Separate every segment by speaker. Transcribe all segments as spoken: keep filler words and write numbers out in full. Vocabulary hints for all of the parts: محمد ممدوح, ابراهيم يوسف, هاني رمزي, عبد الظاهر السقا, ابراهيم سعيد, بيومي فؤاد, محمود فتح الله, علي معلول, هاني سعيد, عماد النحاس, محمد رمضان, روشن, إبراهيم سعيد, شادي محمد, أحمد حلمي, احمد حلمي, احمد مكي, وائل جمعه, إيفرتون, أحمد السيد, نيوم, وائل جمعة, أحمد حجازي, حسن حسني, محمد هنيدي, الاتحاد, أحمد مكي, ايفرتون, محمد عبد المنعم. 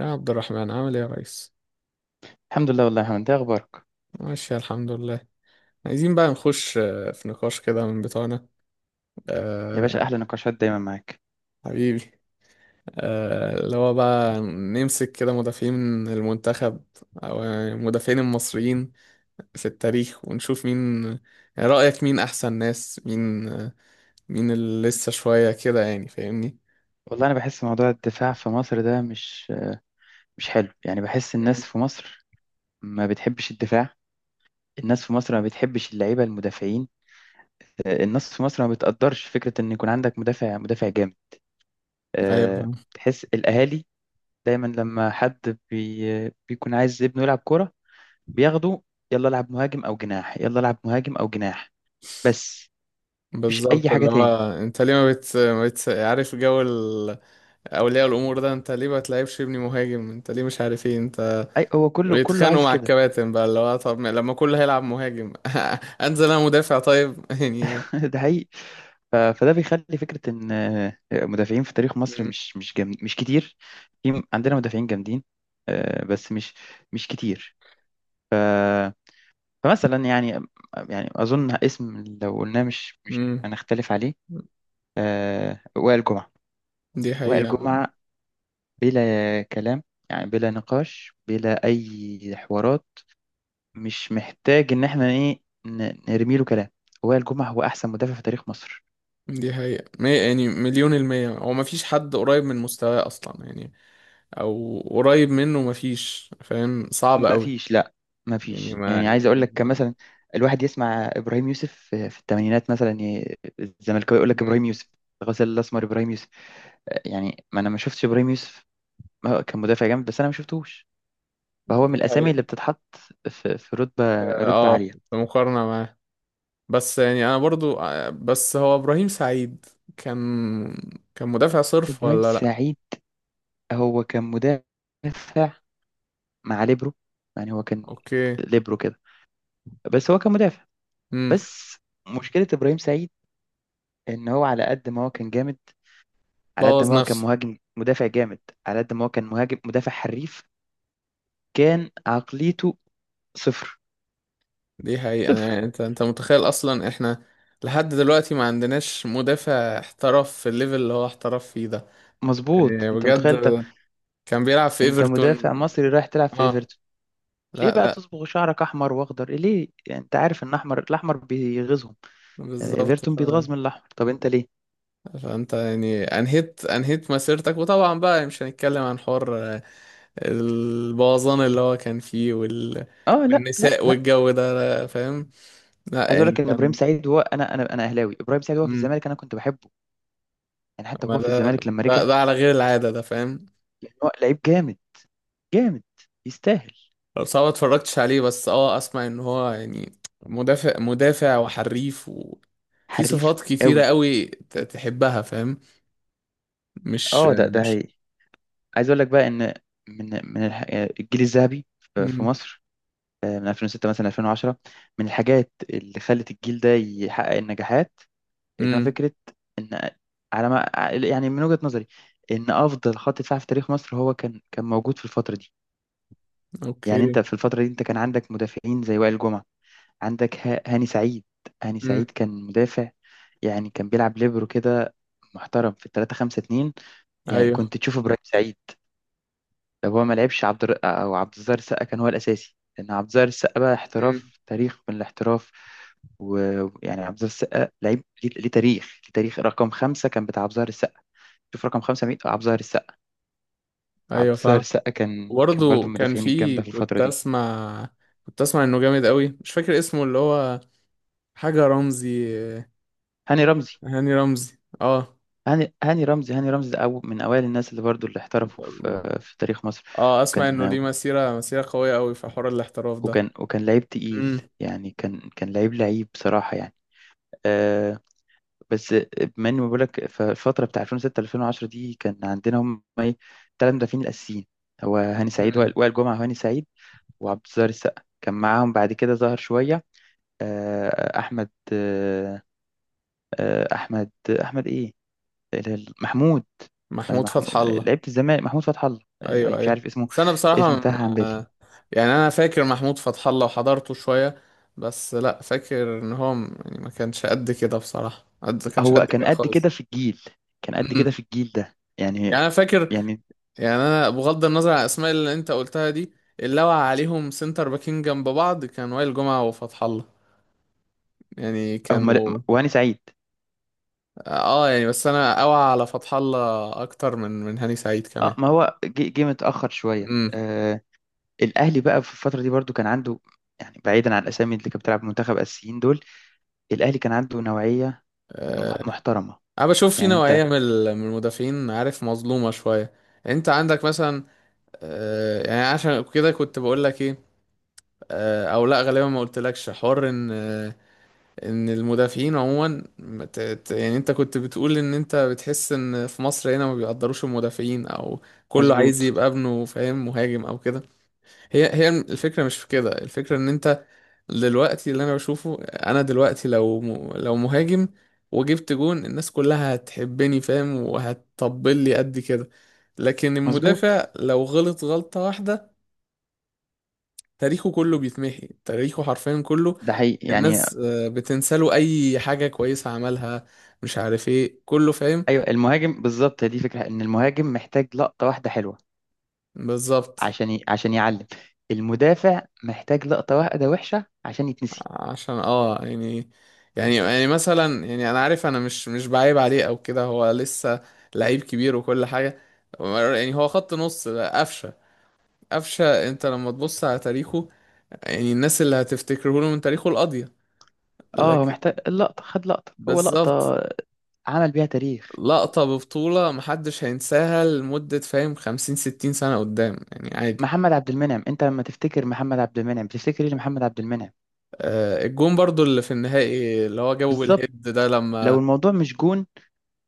Speaker 1: يا عبد الرحمن عامل ايه يا ريس؟
Speaker 2: الحمد لله والله يا محمد، ده اخبارك؟
Speaker 1: ماشي، الحمد لله. عايزين بقى نخش آه، في نقاش كده من بتوعنا.
Speaker 2: يا باشا
Speaker 1: أه.
Speaker 2: احلى نقاشات دايما معاك.
Speaker 1: حبيبي. آه، اللي هو بقى نمسك كده مدافعين المنتخب، أو المدافعين المصريين في التاريخ، ونشوف مين. يعني رأيك مين أحسن ناس، مين آه، مين اللي لسه شوية كده، يعني فاهمني؟
Speaker 2: والله انا بحس موضوع الدفاع في مصر ده مش مش حلو. يعني بحس
Speaker 1: مم.
Speaker 2: الناس في مصر ما بتحبش الدفاع. الناس في مصر ما بتحبش اللعيبه المدافعين. آه، الناس في مصر ما بتقدرش فكره ان يكون عندك مدافع مدافع جامد.
Speaker 1: ايوه،
Speaker 2: آه،
Speaker 1: فاهم.
Speaker 2: تحس الاهالي دايما لما حد بي بيكون عايز ابنه يلعب كوره، بياخده: يلا العب مهاجم او جناح، يلا العب مهاجم او جناح، بس. مفيش اي
Speaker 1: بالظبط،
Speaker 2: حاجه
Speaker 1: اللي هو
Speaker 2: تاني.
Speaker 1: انت ليه ما بت... ما بت... عارف جو ال- اولياء الامور ده. انت ليه ما تلعبش ابني مهاجم؟ انت ليه مش عارف ايه انت؟
Speaker 2: اي هو كله كله
Speaker 1: ويتخانقوا
Speaker 2: عايز
Speaker 1: مع
Speaker 2: كده.
Speaker 1: الكباتن بقى، اللي هو طب ما- لما كله هيلعب مهاجم انزل انا مدافع طيب يعني.
Speaker 2: ده حقيقي. ف- فده بيخلي فكرة إن آه، مدافعين في تاريخ مصر
Speaker 1: مم.
Speaker 2: مش مش جم... مش كتير. في عندنا مدافعين جامدين، آه، بس مش مش كتير. فمثلا يعني، آه، يعني أظن اسم لو قلناه مش مش
Speaker 1: مم.
Speaker 2: هنختلف عليه: آه، وائل جمعة.
Speaker 1: دي
Speaker 2: وائل
Speaker 1: حقيقة.
Speaker 2: جمعة بلا كلام، يعني بلا نقاش بلا أي حوارات. مش محتاج إن إحنا إيه ن- نرمي له كلام. وائل جمعة هو أحسن مدافع في تاريخ مصر.
Speaker 1: دي حقيقة مي- يعني مليون المية، هو مفيش حد قريب من مستواه أصلا يعني. أو قريب منه مفيش، فاهم، صعب
Speaker 2: ما
Speaker 1: أوي.
Speaker 2: فيش، لا، ما
Speaker 1: يعني
Speaker 2: فيش.
Speaker 1: ما
Speaker 2: يعني عايز اقول
Speaker 1: يعني.
Speaker 2: لك مثلا، الواحد يسمع ابراهيم يوسف في في الثمانينات مثلا، ي- الزملكاوي يقول لك
Speaker 1: مم.
Speaker 2: ابراهيم يوسف، الغزال الاسمر ابراهيم يوسف. يعني ما انا ما شفتش ابراهيم يوسف. ما هو كان مدافع جامد بس انا ما شفتهوش. فهو من
Speaker 1: دي
Speaker 2: الاسامي اللي
Speaker 1: حقيقة.
Speaker 2: بتتحط في في
Speaker 1: ف-
Speaker 2: رتبه رتبه
Speaker 1: اه
Speaker 2: عاليه.
Speaker 1: في مقارنة معاه. بس يعني أنا برضو آه، بس هو إبراهيم سعيد كان كان مدافع صرف
Speaker 2: ابراهيم
Speaker 1: ولا لأ؟
Speaker 2: سعيد هو كان مدافع مع ليبرو، يعني هو كان
Speaker 1: أوكي.
Speaker 2: ليبرو كده، بس هو كان مدافع.
Speaker 1: مم.
Speaker 2: بس مشكله ابراهيم سعيد ان هو على قد ما هو كان جامد، على قد
Speaker 1: بوظ
Speaker 2: ما هو كان
Speaker 1: نفسه.
Speaker 2: مهاجم مدافع جامد، على قد ما هو كان مهاجم مدافع حريف، كان عقليته صفر.
Speaker 1: دي حقيقة. أنا
Speaker 2: صفر.
Speaker 1: يعني أنت أنت متخيل أصلا إحنا لحد دلوقتي ما عندناش مدافع احترف في الليفل اللي هو احترف فيه ده،
Speaker 2: مظبوط،
Speaker 1: يعني
Speaker 2: انت
Speaker 1: بجد.
Speaker 2: متخيل؟ انت
Speaker 1: كان بيلعب في
Speaker 2: انت مدافع
Speaker 1: إيفرتون.
Speaker 2: مصري رايح تلعب في
Speaker 1: آه،
Speaker 2: ايفرتون، ليه
Speaker 1: لا
Speaker 2: بقى
Speaker 1: لا.
Speaker 2: تصبغ شعرك احمر واخضر؟ ليه؟ يعني انت عارف ان احمر، الاحمر بيغيظهم. آه،
Speaker 1: بالظبط.
Speaker 2: ايفرتون
Speaker 1: ف...
Speaker 2: بيتغاظ من الاحمر، طب انت ليه؟
Speaker 1: فأنت يعني أنهيت أنهيت مسيرتك، وطبعا بقى مش هنتكلم عن حوار آه، البوظان اللي هو كان فيه وال...
Speaker 2: اه، لا لا
Speaker 1: والنساء
Speaker 2: لا.
Speaker 1: والجو ده. لا، فاهم. لا
Speaker 2: عايز اقول
Speaker 1: يعني
Speaker 2: لك ان ابراهيم
Speaker 1: كان.
Speaker 2: سعيد، هو انا انا انا اهلاوي، ابراهيم سعيد هو في
Speaker 1: مم.
Speaker 2: الزمالك انا كنت بحبه. يعني حتى
Speaker 1: ما
Speaker 2: هو في
Speaker 1: ده
Speaker 2: الزمالك لما
Speaker 1: ده,
Speaker 2: رجع،
Speaker 1: ده على غير العادة ده، فاهم.
Speaker 2: لان هو لعيب جامد، جامد، يستاهل.
Speaker 1: صعب اتفرجتش عليه، بس اه اسمع ان هو يعني مدافع مدافع وحريف، وفي
Speaker 2: حريف
Speaker 1: صفات كتيرة
Speaker 2: قوي.
Speaker 1: قوي ت- تحبها، فاهم. مش.
Speaker 2: اه، ده ده
Speaker 1: مش.
Speaker 2: هي. عايز اقول لك بقى ان من من الح- الجيل الذهبي ف- في
Speaker 1: امم.
Speaker 2: مصر، آه، من ألفين وستة مثلا ألفين وعشرة، من الحاجات اللي خلت الجيل ده يحقق النجاحات ان هو
Speaker 1: امم.
Speaker 2: فكره ان، على ما، يعني من وجهه نظري، ان افضل خط دفاع في تاريخ مصر هو كان كان موجود في الفتره دي. يعني انت
Speaker 1: اوكي.
Speaker 2: في الفتره دي انت كان عندك مدافعين زي وائل جمعه، عندك ه- هاني سعيد. هاني
Speaker 1: امم.
Speaker 2: سعيد كان مدافع، يعني كان بيلعب ليبرو كده، محترم في ثلاثة خمسة اتنين. يعني
Speaker 1: ايوه.
Speaker 2: كنت تشوفه ابراهيم سعيد لو هو ما لعبش عبد الر... او عبد الظاهر السقا كان هو الاساسي، لان عبد الظاهر السقا بقى
Speaker 1: امم.
Speaker 2: احتراف، تاريخ من الاحتراف. ويعني عبد الظاهر السقا لعيب ليه ليه تاريخ، ليه تاريخ. رقم خمسة كان بتاع عبد الظاهر السقا، شوف رقم خمسة مين، عبد الظاهر السقا. عبد
Speaker 1: ايوه،
Speaker 2: الظاهر
Speaker 1: فاهم.
Speaker 2: السقا كان كان برضو
Speaker 1: وبرضه
Speaker 2: من
Speaker 1: كان
Speaker 2: المدافعين
Speaker 1: في
Speaker 2: الجامدة في الفترة
Speaker 1: كنت
Speaker 2: دي.
Speaker 1: اسمع كنت اسمع انه جامد قوي. مش فاكر اسمه اللي هو، حاجة رمزي.
Speaker 2: هاني رمزي.
Speaker 1: هاني رمزي، اه.
Speaker 2: هاني هاني رمزي هاني رمزي ده أو من أوائل الناس اللي برضو اللي احترفوا في في تاريخ مصر.
Speaker 1: اه، اسمع انه
Speaker 2: وكان
Speaker 1: ليه مسيرة، مسيرة قوية قوي في حوار الاحتراف ده.
Speaker 2: وكان وكان لعيب تقيل،
Speaker 1: امم.
Speaker 2: يعني كان كان لعيب، لعيب بصراحة، يعني، آه، بس. بما اني بقول لك، فالفتره بتاع ألفين وستة ألفين وعشرة دي كان عندنا هم ايه؟ ثلاث مدافعين الاساسيين، هو هاني سعيد، وائل
Speaker 1: امم.
Speaker 2: وائل جمعه وهاني سعيد وعبد الظاهر السقا كان معاهم. بعد كده ظهر شويه، آه، احمد آه، آه، احمد احمد ايه؟ ال- ال- محمود. آه،
Speaker 1: محمود
Speaker 2: محمود،
Speaker 1: فتح الله.
Speaker 2: لعيبه الزمالك، محمود فتح الله. آه،
Speaker 1: ايوه،
Speaker 2: مش
Speaker 1: ايوه،
Speaker 2: عارف اسمه،
Speaker 1: بس انا بصراحه،
Speaker 2: اسمه تاه عن بالي.
Speaker 1: آه، يعني انا فاكر محمود فتح الله وحضرته شويه، بس لا فاكر ان هو م- يعني ما كانش قد كده بصراحه، قد ما كانش
Speaker 2: هو
Speaker 1: قد
Speaker 2: كان
Speaker 1: كده
Speaker 2: قد كده
Speaker 1: خالص.
Speaker 2: في الجيل، كان قد
Speaker 1: أمم.
Speaker 2: كده في الجيل ده يعني.
Speaker 1: يعني انا فاكر.
Speaker 2: يعني
Speaker 1: يعني انا بغض النظر عن الاسماء اللي انت قلتها دي، اللي وقع عليهم سنتر باكين جنب بعض كان وائل جمعه وفتح الله، يعني
Speaker 2: هم
Speaker 1: كانوا.
Speaker 2: وهاني سعيد.
Speaker 1: اه، يعني بس انا اوعى على فتح الله اكتر من من هاني سعيد
Speaker 2: اه،
Speaker 1: كمان.
Speaker 2: ما هو جه جه متأخر شوية. آه، الاهلي بقى في الفتره دي برضو كان عنده، يعني بعيدا عن الاسامي اللي كانت بتلعب منتخب اساسيين دول، الاهلي كان عنده نوعيه
Speaker 1: امم.
Speaker 2: مح- محترمه.
Speaker 1: انا بشوف في
Speaker 2: يعني انت.
Speaker 1: نوعيه من ال- من المدافعين، عارف، مظلومه شويه. انت عندك مثلا، آه، يعني عشان كده كنت بقول لك ايه. آه، او لا غالبا ما قلتلكش حوار ان آه، ان المدافعين عموما ما ت- ت- يعني انت كنت بتقول ان انت بتحس ان في مصر هنا ما بيقدروش المدافعين، او كله عايز
Speaker 2: مظبوط.
Speaker 1: يبقى ابنه، فاهم، مهاجم او كده. هي هي الفكرة، مش في كده الفكرة، ان انت دلوقتي، اللي انا بشوفه انا دلوقتي، لو م... لو مهاجم وجبت جون، الناس كلها هتحبني، فاهم، وهتطبل لي قد كده. لكن
Speaker 2: مظبوط.
Speaker 1: المدافع لو غلط غلطة واحدة، تاريخه كله بيتمحي، تاريخه حرفيا كله.
Speaker 2: ده حقيقي يعني.
Speaker 1: الناس آه، بتنسى له اي حاجة كويسة عملها، مش عارف ايه كله، فاهم.
Speaker 2: ايوه، المهاجم بالظبط، هي دي فكره، ان المهاجم محتاج لقطه واحده حلوه
Speaker 1: بالظبط.
Speaker 2: عشان ي... عشان يعلم. المدافع محتاج لقطه واحده وحشه عشان يتنسي.
Speaker 1: عشان اه يعني يعني يعني مثلا يعني انا عارف انا مش مش بعيب عليه او كده، هو لسه لعيب كبير وكل حاجه. يعني هو خط نص قفشه، قفشه انت لما تبص على تاريخه. يعني الناس اللي هتفتكره له من تاريخه القاضيه.
Speaker 2: اه، هو
Speaker 1: لكن
Speaker 2: محتاج اللقطه، خد لقطه، هو
Speaker 1: بالظبط،
Speaker 2: لقطه عمل بيها تاريخ.
Speaker 1: لقطه ببطوله محدش هينساها لمده، فاهم، خمسين، ستين سنه قدام يعني عادي.
Speaker 2: محمد عبد المنعم، انت لما تفتكر محمد عبد المنعم بتفتكر ايه لمحمد عبد المنعم؟
Speaker 1: آه، الجون برضو اللي في النهائي اللي هو جابه
Speaker 2: بالظبط.
Speaker 1: بالهيد ده،
Speaker 2: لو
Speaker 1: لما
Speaker 2: الموضوع مش جون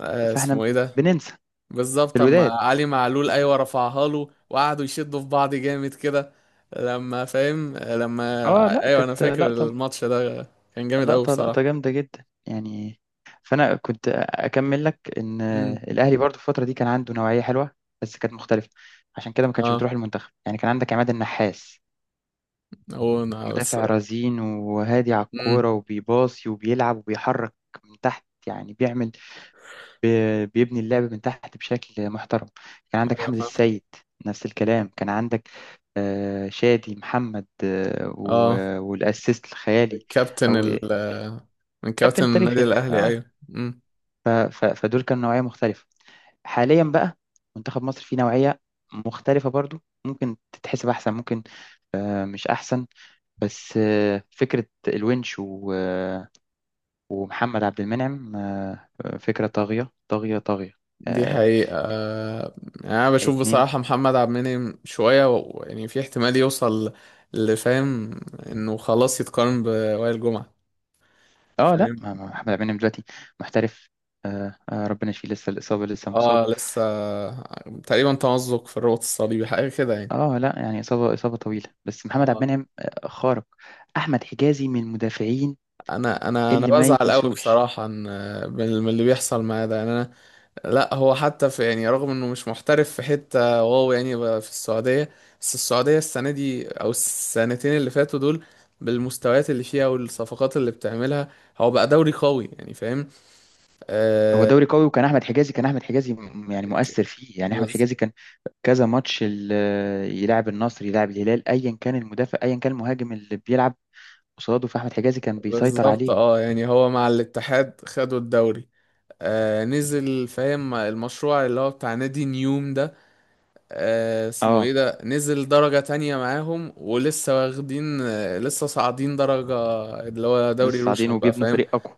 Speaker 1: آه،
Speaker 2: فاحنا
Speaker 1: اسمه ايه ده.
Speaker 2: بننسى.
Speaker 1: بالظبط، اما
Speaker 2: الوداد.
Speaker 1: علي معلول ايوه، رفعها له وقعدوا يشدوا في بعض جامد كده. لما، فاهم، لما
Speaker 2: اه لا،
Speaker 1: ايوه انا
Speaker 2: كانت
Speaker 1: فاكر
Speaker 2: لقطة،
Speaker 1: الماتش ده، كان جامد قوي
Speaker 2: لقطة
Speaker 1: بصراحه.
Speaker 2: لقطة جامدة جدا يعني. فانا كنت اكمل لك ان
Speaker 1: امم.
Speaker 2: الاهلي برضو في الفترة دي كان عنده نوعية حلوة، بس كانت مختلفة، عشان كده ما كانش
Speaker 1: اه،
Speaker 2: بتروح المنتخب. يعني كان عندك عماد النحاس،
Speaker 1: هو أنا بس.
Speaker 2: مدافع رزين وهادي على
Speaker 1: امم.
Speaker 2: الكورة وبيباصي وبيلعب وبيحرك من تحت، يعني بيعمل، بي- بيبني اللعب من تحت بشكل محترم. كان عندك
Speaker 1: ايوه،
Speaker 2: أحمد
Speaker 1: فاهم.
Speaker 2: السيد، نفس الكلام. كان عندك آه، شادي محمد، آه،
Speaker 1: اه،
Speaker 2: و- والأسيست الخيالي،
Speaker 1: كابتن
Speaker 2: أو
Speaker 1: ال من كابتن
Speaker 2: كابتن
Speaker 1: النادي
Speaker 2: تاريخي ال-
Speaker 1: الاهلي،
Speaker 2: اه
Speaker 1: ايوه. امم.
Speaker 2: ف- ف- فدول كانوا نوعية مختلفة. حاليا بقى، منتخب مصر فيه نوعية مختلفة برضو، ممكن تتحسب أحسن، ممكن، آه، مش أحسن، بس آه، فكرة الونش و- آه، ومحمد عبد المنعم، آه، فكرة طاغية طاغية طاغية.
Speaker 1: دي
Speaker 2: آه،
Speaker 1: حقيقه. آه، يعني انا بشوف
Speaker 2: اتنين.
Speaker 1: بصراحه محمد عبد المنعم شويه و- يعني في احتمال يوصل لفاهم انه خلاص يتقارن بوائل جمعه،
Speaker 2: اه لا،
Speaker 1: فاهم.
Speaker 2: ما- ما محمد عبد المنعم دلوقتي محترف. آه آه ربنا يشفيه، لسه الإصابة، لسه مصاب.
Speaker 1: اه، لسه. تقريبا تمزق في الرباط الصليبي، حاجه كده يعني.
Speaker 2: اه لا يعني، إصابة إصابة طويلة، بس محمد عبد
Speaker 1: اه،
Speaker 2: المنعم آه، خارق. أحمد حجازي من المدافعين
Speaker 1: انا انا انا
Speaker 2: اللي ما
Speaker 1: بزعل قوي
Speaker 2: يتنسوش.
Speaker 1: بصراحه ان من من اللي بيحصل معاه ده، يعني انا. لا، هو حتى في يعني، رغم انه مش محترف في حته واو، يعني بقى في السعوديه. بس السعوديه السنه دي او السنتين اللي فاتوا دول، بالمستويات اللي فيها والصفقات اللي بتعملها، هو بقى دوري قوي يعني فاهم.
Speaker 2: هو
Speaker 1: آه
Speaker 2: دوري قوي، وكان أحمد حجازي، كان أحمد حجازي م- يعني
Speaker 1: ك-
Speaker 2: مؤثر فيه. يعني أحمد
Speaker 1: بز-
Speaker 2: حجازي كان كذا ماتش ال- آه، يلعب النصر، يلعب الهلال، أيا كان المدافع أيا كان المهاجم اللي بيلعب قصاده، فأحمد حجازي كان بيسيطر
Speaker 1: بالظبط.
Speaker 2: عليه.
Speaker 1: اه، يعني هو مع الاتحاد خدوا الدوري. آه نزل فاهم المشروع اللي هو بتاع نادي نيوم ده، آه اسمه ايه
Speaker 2: اه
Speaker 1: ده، نزل درجة تانية معاهم ولسه واخدين، آه لسه صاعدين درجة، اللي هو دوري
Speaker 2: لسه صاعدين
Speaker 1: روشن بقى،
Speaker 2: وبيبنوا
Speaker 1: فاهم.
Speaker 2: فريق أقوى.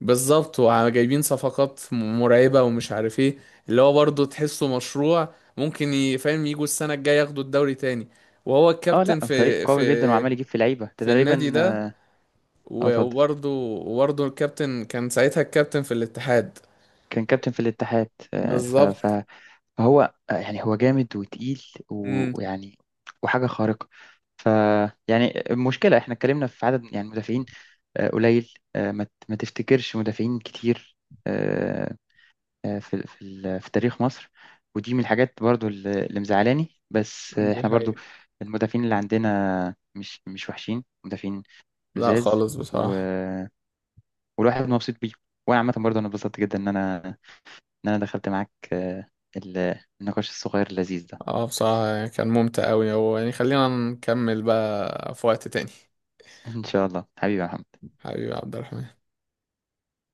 Speaker 1: بالظبط، وجايبين صفقات م- مرعبة ومش عارف ايه، اللي هو برضه تحسه مشروع ممكن ي- فاهم يجوا السنة الجاية ياخدوا الدوري تاني. وهو
Speaker 2: اه
Speaker 1: الكابتن
Speaker 2: لا، فريق
Speaker 1: في
Speaker 2: قوي جدا
Speaker 1: في
Speaker 2: وعمال يجيب في لعيبة ده
Speaker 1: في النادي
Speaker 2: تقريبا،
Speaker 1: ده،
Speaker 2: اه. آه،
Speaker 1: و-
Speaker 2: اتفضل.
Speaker 1: وبرضه وبرضه الكابتن كان ساعتها الكابتن في الاتحاد.
Speaker 2: كان كابتن في الاتحاد، آه، ف-
Speaker 1: بالظبط.
Speaker 2: ف- فهو آه، يعني هو جامد وتقيل و-
Speaker 1: مم.
Speaker 2: ويعني وحاجة خارقة. ف يعني المشكلة احنا اتكلمنا في عدد يعني مدافعين آه، قليل، آه، ما ت- ما تفتكرش مدافعين كتير، آه، آه، في في ال- في تاريخ مصر. ودي من الحاجات برضو اللي اللي مزعلاني، بس آه،
Speaker 1: دي
Speaker 2: احنا برضو
Speaker 1: حقيقة.
Speaker 2: المدافعين اللي عندنا مش مش وحشين مدافعين،
Speaker 1: لا،
Speaker 2: لزاز،
Speaker 1: خالص
Speaker 2: و...
Speaker 1: بصراحة.
Speaker 2: والواحد مبسوط بيه. وانا عامة برضو انا اتبسطت جدا ان انا إن أنا دخلت معاك آه، ال- النقاش الصغير اللذيذ ده.
Speaker 1: اه، بصراحة يعني كان ممتع أوي، هو يعني خلينا نكمل بقى في وقت تاني.
Speaker 2: إن شاء الله حبيبي يا محمد.
Speaker 1: حبيبي عبد الرحمن.